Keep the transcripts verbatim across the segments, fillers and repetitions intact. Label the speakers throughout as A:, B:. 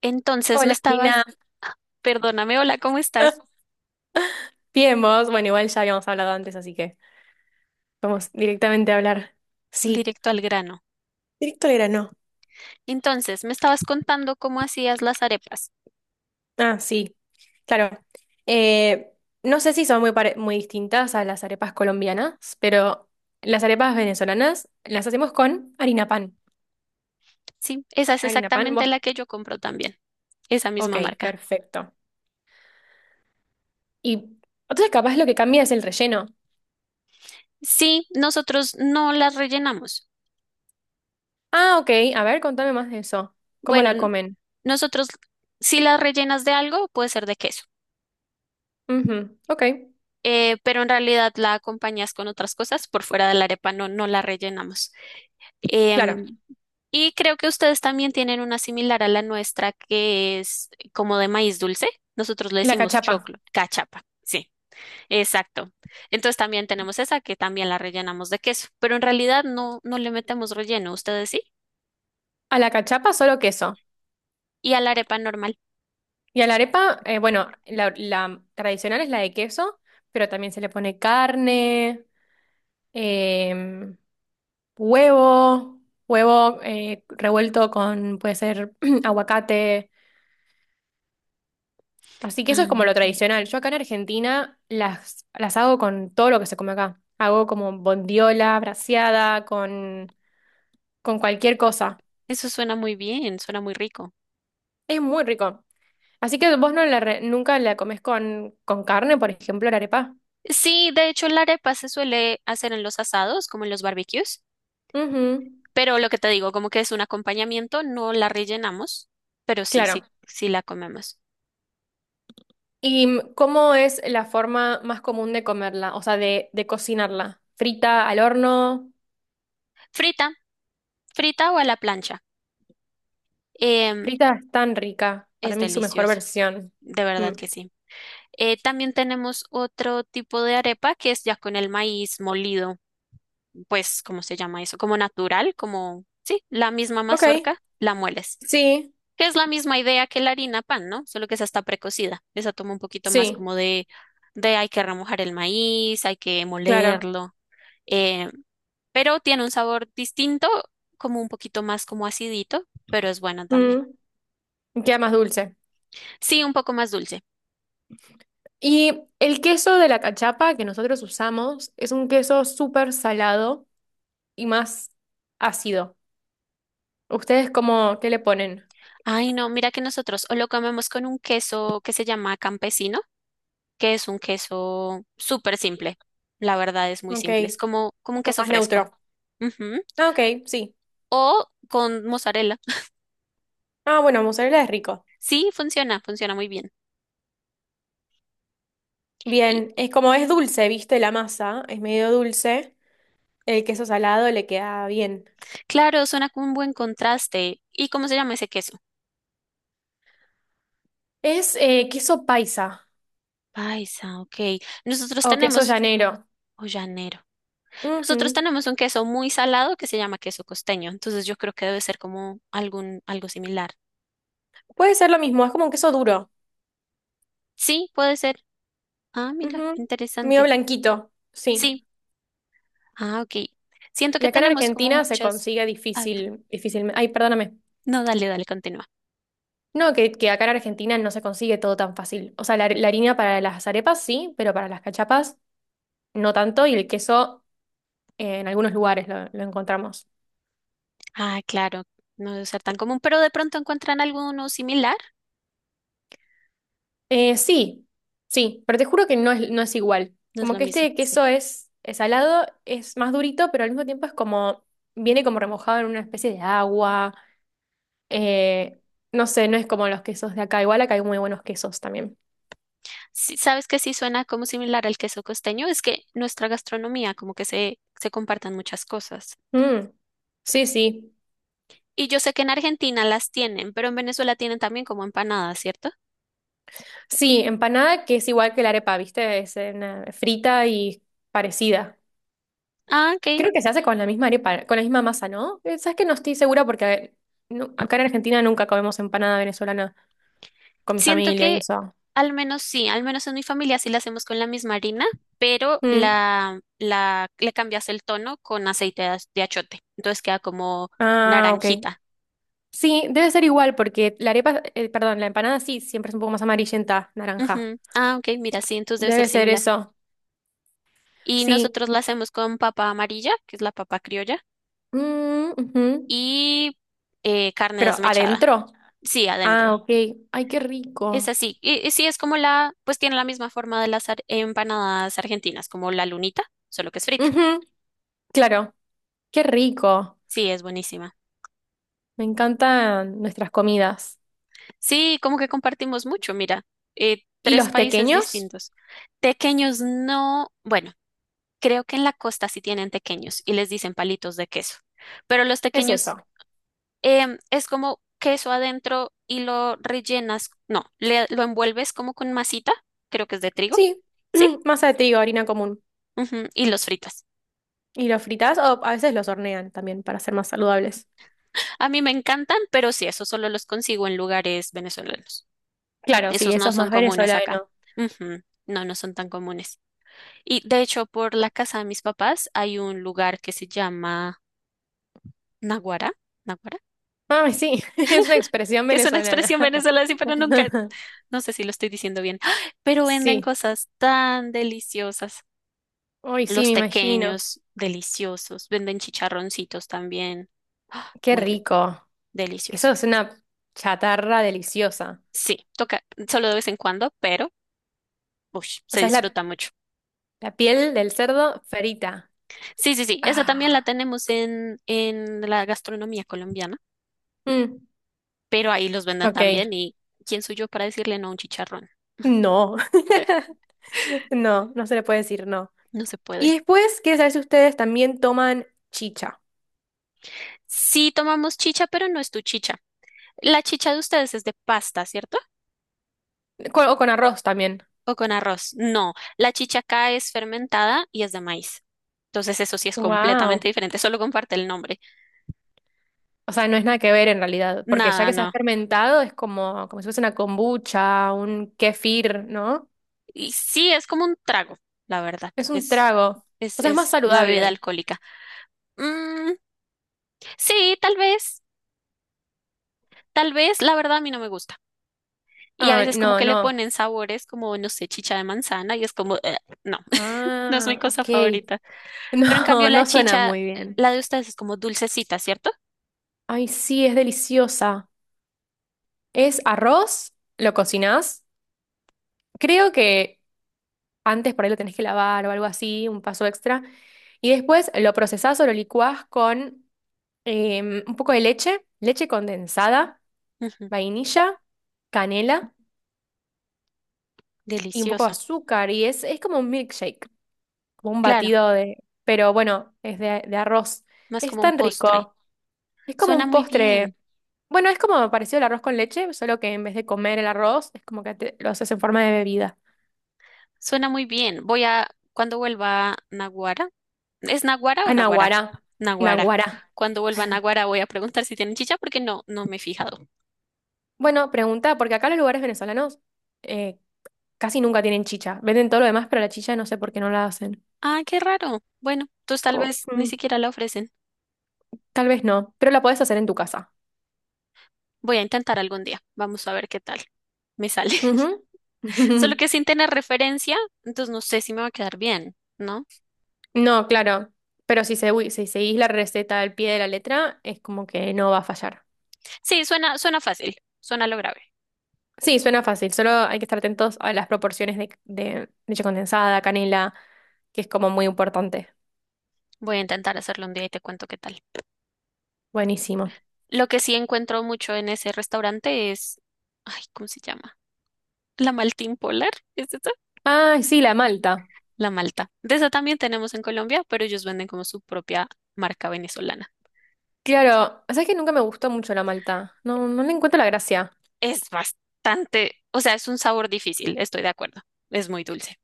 A: Entonces me
B: Hola, Marina.
A: estabas, perdóname, hola, ¿cómo estás?
B: Bien, vos. Bueno, igual ya habíamos hablado antes, así que vamos directamente a hablar. Sí,
A: Directo al grano.
B: directo al grano.
A: Entonces, me estabas contando cómo hacías las arepas.
B: Ah, sí, claro. Eh, no sé si son muy, pare- muy distintas a las arepas colombianas, pero las arepas venezolanas las hacemos con harina pan.
A: Sí, esa
B: Ah,
A: es
B: harina pan,
A: exactamente
B: vos.
A: la que yo compro también, esa
B: Ok,
A: misma marca.
B: perfecto. Y entonces capaz lo que cambia es el relleno.
A: Sí, nosotros no las rellenamos.
B: Ah, ok. A ver, contame más de eso. ¿Cómo
A: Bueno,
B: la
A: n-
B: comen?
A: nosotros si las rellenas de algo, puede ser de queso,
B: Ujú, ok,
A: eh, pero en realidad la acompañas con otras cosas por fuera de la arepa, no, no la rellenamos.
B: claro.
A: Em, Y creo que ustedes también tienen una similar a la nuestra que es como de maíz dulce. Nosotros le
B: La
A: decimos
B: cachapa.
A: choclo, cachapa. Sí, exacto. Entonces también tenemos esa que también la rellenamos de queso, pero en realidad no, no le metemos relleno, ustedes sí.
B: A la cachapa solo queso.
A: Y a la arepa normal.
B: Y a la arepa, eh, bueno, la, la tradicional es la de queso, pero también se le pone carne, em, huevo, huevo eh, revuelto con, puede ser, aguacate. Así que eso
A: Ah,
B: es como lo
A: ok.
B: tradicional. Yo acá en Argentina las, las hago con todo lo que se come acá. Hago como bondiola, braseada, con, con cualquier cosa.
A: Eso suena muy bien, suena muy rico.
B: Es muy rico. Así que vos no la re- nunca la comes con, con carne, por ejemplo, la arepa.
A: Sí, de hecho la arepa se suele hacer en los asados, como en los barbecues,
B: Ujú,
A: pero lo que te digo, como que es un acompañamiento, no la rellenamos, pero sí, sí,
B: claro.
A: sí la comemos.
B: ¿Y cómo es la forma más común de comerla? O sea, de, de cocinarla. ¿Frita al horno?
A: Frita, frita o a la plancha. Em,
B: Frita es tan rica. Para
A: es
B: mí es su mejor
A: deliciosa,
B: versión.
A: de verdad
B: Mm.
A: que sí. Eh, también tenemos otro tipo de arepa que es ya con el maíz molido, pues, ¿cómo se llama eso? Como natural, como, sí, la misma
B: Ok.
A: mazorca, la mueles.
B: Sí,
A: Que es la misma idea que la harina pan, ¿no? Solo que esa está precocida. Esa toma un poquito más
B: sí,
A: como de, de hay que remojar el maíz, hay que
B: claro.
A: molerlo. eh, pero tiene un sabor distinto, como un poquito más como acidito, pero es bueno también.
B: Mm. Y queda más dulce.
A: Sí, un poco más dulce.
B: Y el queso de la cachapa que nosotros usamos es un queso súper salado y más ácido. ¿Ustedes cómo, qué le ponen?
A: Ay, no, mira que nosotros o lo comemos con un queso que se llama campesino, que es un queso súper simple. La verdad es muy
B: Ok,
A: simple, es como, como un
B: como
A: queso
B: más
A: fresco.
B: neutro.
A: Ujú.
B: Ah, ok, sí.
A: O con mozzarella.
B: Ah, bueno, mozzarella es rico.
A: Sí, funciona, funciona muy bien. Y
B: Bien, es como es dulce, viste, la masa, es medio dulce, el queso salado le queda bien.
A: claro, suena como un buen contraste. ¿Y cómo se llama ese queso?
B: Es eh, queso paisa
A: Paisa, ok. Nosotros
B: o queso
A: tenemos,
B: llanero.
A: o llanero. Nosotros
B: Ujú.
A: tenemos un queso muy salado que se llama queso costeño, entonces yo creo que debe ser como algún, algo similar.
B: Puede ser lo mismo, es como un queso duro.
A: Sí, puede ser. Ah, mira,
B: Ujú. Medio
A: interesante.
B: blanquito, sí.
A: Sí, ah, ok. Siento
B: Y
A: que
B: acá en
A: tenemos como
B: Argentina se
A: muchas.
B: consigue
A: Ah, perdón.
B: difícil, difícil. Ay, perdóname.
A: No, dale, dale, continúa.
B: No, que, que acá en Argentina no se consigue todo tan fácil. O sea, la, la harina para las arepas sí, pero para las cachapas no tanto, y el queso eh, en algunos lugares lo lo encontramos.
A: Ah, claro, no debe ser tan común, pero de pronto encuentran alguno similar.
B: Eh, sí, sí, pero te juro que no es, no es igual.
A: No es
B: Como
A: lo
B: que
A: mismo,
B: este
A: sí.
B: queso es, es salado, es más durito, pero al mismo tiempo es como, viene como remojado en una especie de agua. Eh, no sé, no es como los quesos de acá. Igual acá hay muy buenos quesos también.
A: Sí, ¿sabes que sí suena como similar al queso costeño? Es que nuestra gastronomía, como que se, se compartan muchas cosas.
B: Mm, sí, sí.
A: Y yo sé que en Argentina las tienen, pero en Venezuela tienen también como empanadas, ¿cierto?
B: Sí, empanada que es igual que la arepa, ¿viste? Es eh, una- frita y parecida.
A: Ah, ok.
B: Creo que se hace con la misma arepa, con la misma masa, ¿no? Eh, Sabes que no estoy segura porque eh, no- acá en Argentina nunca comemos empanada venezolana con mi
A: Siento
B: familia y
A: que
B: eso.
A: al menos sí, al menos en mi familia sí la hacemos con la misma harina, pero
B: Mm.
A: la, la, le cambias el tono con aceite de, az- de achiote. Entonces queda como
B: Ah, ok.
A: naranjita.
B: Sí, debe ser igual porque la arepa, eh, perdón, la empanada sí, siempre es un poco más amarillenta, naranja.
A: Ujú. Ah, ok, mira, sí, entonces debe ser
B: Debe ser
A: similar.
B: eso.
A: Y
B: Sí.
A: nosotros la hacemos con papa amarilla, que es la papa criolla,
B: Mm, ujú.
A: y eh, carne
B: Pero
A: desmechada.
B: adentro.
A: Sí,
B: Ah,
A: adentro.
B: ok. Ay, qué
A: Es
B: rico.
A: así. Y, y sí, es como la, pues tiene la misma forma de las ar- empanadas argentinas, como la lunita, solo que es frita.
B: Ujú, claro, qué rico.
A: Sí, es buenísima.
B: Me encantan nuestras comidas.
A: Sí, como que compartimos mucho, mira, eh,
B: ¿Y
A: tres
B: los
A: países
B: tequeños?
A: distintos. Tequeños no, bueno, creo que en la costa sí tienen tequeños y les dicen palitos de queso, pero los
B: Es eso.
A: tequeños em, es como queso adentro y lo rellenas, no, le- lo envuelves como con masita, creo que es de trigo,
B: Sí,
A: ¿sí?
B: masa de trigo, harina común.
A: Ujú, y los fritas.
B: ¿Y los fritas? O a veces los hornean también para ser más saludables.
A: A mí me encantan, pero sí, esos solo los consigo en lugares venezolanos.
B: Claro, sí,
A: Esos
B: eso
A: no
B: es
A: son
B: más
A: comunes acá.
B: venezolano.
A: Ujú, no, no son tan comunes. Y de hecho, por la casa de mis papás hay un lugar que se llama Naguará, Naguará,
B: Ay, sí, es una expresión
A: que es una
B: venezolana.
A: expresión venezolana, sí, pero nunca, no sé si lo estoy diciendo bien, pero venden
B: Sí,
A: cosas tan deliciosas.
B: hoy sí,
A: Los
B: me imagino.
A: tequeños, deliciosos. Venden chicharroncitos también. ¡Ah!
B: Qué
A: Muy rico,
B: rico. Eso
A: delicioso.
B: es una chatarra deliciosa.
A: Sí, toca solo de vez en cuando, pero ush,
B: O
A: se
B: sea, es la,
A: disfruta mucho.
B: la piel del cerdo frita.
A: Sí, sí, sí, esa también la
B: Ah,
A: tenemos en, en la gastronomía colombiana.
B: mm,
A: Pero ahí los venden
B: ok,
A: también y ¿quién soy yo para decirle no a un chicharrón?
B: no. No, no se le puede decir no.
A: No se puede.
B: Y después, quiero saber si ustedes también toman chicha.
A: Sí tomamos chicha, pero no es tu chicha. La chicha de ustedes es de pasta, ¿cierto?
B: Con- o con arroz también.
A: ¿O con arroz? No, la chicha acá es fermentada y es de maíz. Entonces eso sí es completamente
B: Wow.
A: diferente, solo comparte el nombre.
B: O sea, no es nada que ver en realidad, porque ya
A: Nada,
B: que se ha
A: no.
B: fermentado es como, como si fuese una kombucha, un kefir, ¿no?
A: Y sí, es como un trago, la verdad.
B: Es un
A: Es,
B: trago.
A: es,
B: O sea, es más
A: es una bebida
B: saludable.
A: alcohólica. Mm, sí, tal vez, tal vez, la verdad a mí no me gusta. Y a
B: Ah,
A: veces como
B: no,
A: que le
B: no.
A: ponen sabores como, no sé, chicha de manzana y es como, "Eh, no, no es mi
B: Ah,
A: cosa
B: ok.
A: favorita". Pero en cambio
B: No,
A: la
B: no suena
A: chicha,
B: muy bien.
A: la de ustedes es como dulcecita, ¿cierto?
B: Ay, sí, es deliciosa. Es arroz, lo cocinás. Creo que antes por ahí lo tenés que lavar o algo así, un paso extra. Y después lo procesás o lo licuás con em, un poco de leche, leche condensada,
A: Ujú,
B: vainilla, canela y un poco de
A: delicioso.
B: azúcar. Y es, es como un milkshake, como un
A: Claro,
B: batido de... Pero bueno, es de, de arroz.
A: más
B: Es
A: como un
B: tan
A: postre.
B: rico. Es como
A: Suena
B: un
A: muy bien,
B: postre. Bueno, es como parecido al arroz con leche, solo que en vez de comer el arroz, es como que te- lo haces en forma de bebida.
A: suena muy bien. Voy a, cuando vuelva a Naguara, ¿es Naguara o
B: Ah,
A: Naguará?
B: naguará.
A: Naguará.
B: Naguará.
A: Cuando vuelva a Naguará voy a preguntar si tienen chicha porque no, no me he fijado.
B: Bueno, pregunta, porque acá los lugares venezolanos eh, casi nunca tienen chicha. Venden todo lo demás, pero la chicha no sé por qué no la hacen.
A: Ah, qué raro. Bueno, entonces tal
B: O,
A: vez ni
B: mm,
A: siquiera la ofrecen.
B: tal vez no, pero la podés hacer en tu casa.
A: Voy a intentar algún día. Vamos a ver qué tal me sale.
B: Ujú.
A: Solo que sin tener referencia, entonces no sé si me va a quedar bien, ¿no?
B: No, claro, pero si, segui- si seguís la receta al pie de la letra, es como que no va a fallar.
A: Sí, suena, suena fácil, suena lo grave.
B: Sí, suena fácil, solo hay que estar atentos a las proporciones de, de leche condensada, canela, que es como muy importante.
A: Voy a intentar hacerlo un día y te cuento qué tal.
B: Buenísimo.
A: Lo que sí encuentro mucho en ese restaurante es, ay, ¿cómo se llama? La malta impolar, ¿es esa?
B: Ah, sí, la malta.
A: La malta. De esa también tenemos en Colombia, pero ellos venden como su propia marca venezolana.
B: Claro, sabes que nunca me gustó mucho la malta. No, no le encuentro la gracia.
A: Es bastante, o sea, es un sabor difícil, estoy de acuerdo. Es muy dulce.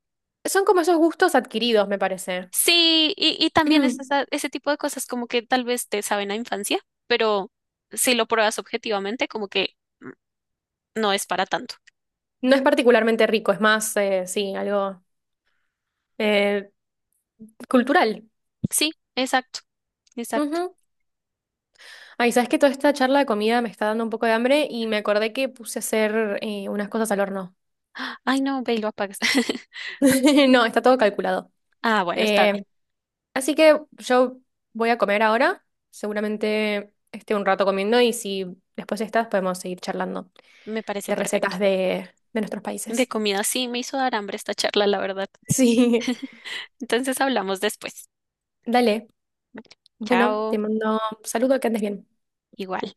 B: Son como esos gustos adquiridos, me parece.
A: Sí, y, y también es esa- ese tipo de cosas como que tal vez te saben a infancia, pero si lo pruebas objetivamente, como que mm, no es para tanto.
B: No es particularmente rico, es más, eh, sí, algo eh, cultural.
A: Sí, exacto, exacto.
B: Ay, sabes que toda esta charla de comida me está dando un poco de hambre y me acordé que puse a hacer eh, unas cosas al horno.
A: ¡Ah! Ay, no, ve y lo apagas.
B: No, está todo calculado.
A: Ah, bueno, está bien.
B: Eh, Así que yo voy a comer ahora. Seguramente esté un rato comiendo y si después estás podemos seguir charlando
A: Me parece
B: de
A: perfecto.
B: recetas de, de nuestros países.
A: De comida sí me hizo dar hambre esta charla, la verdad.
B: Sí.
A: Entonces hablamos después.
B: Dale. Bueno,
A: Chao,
B: te mando un saludo, que andes bien.
A: igual.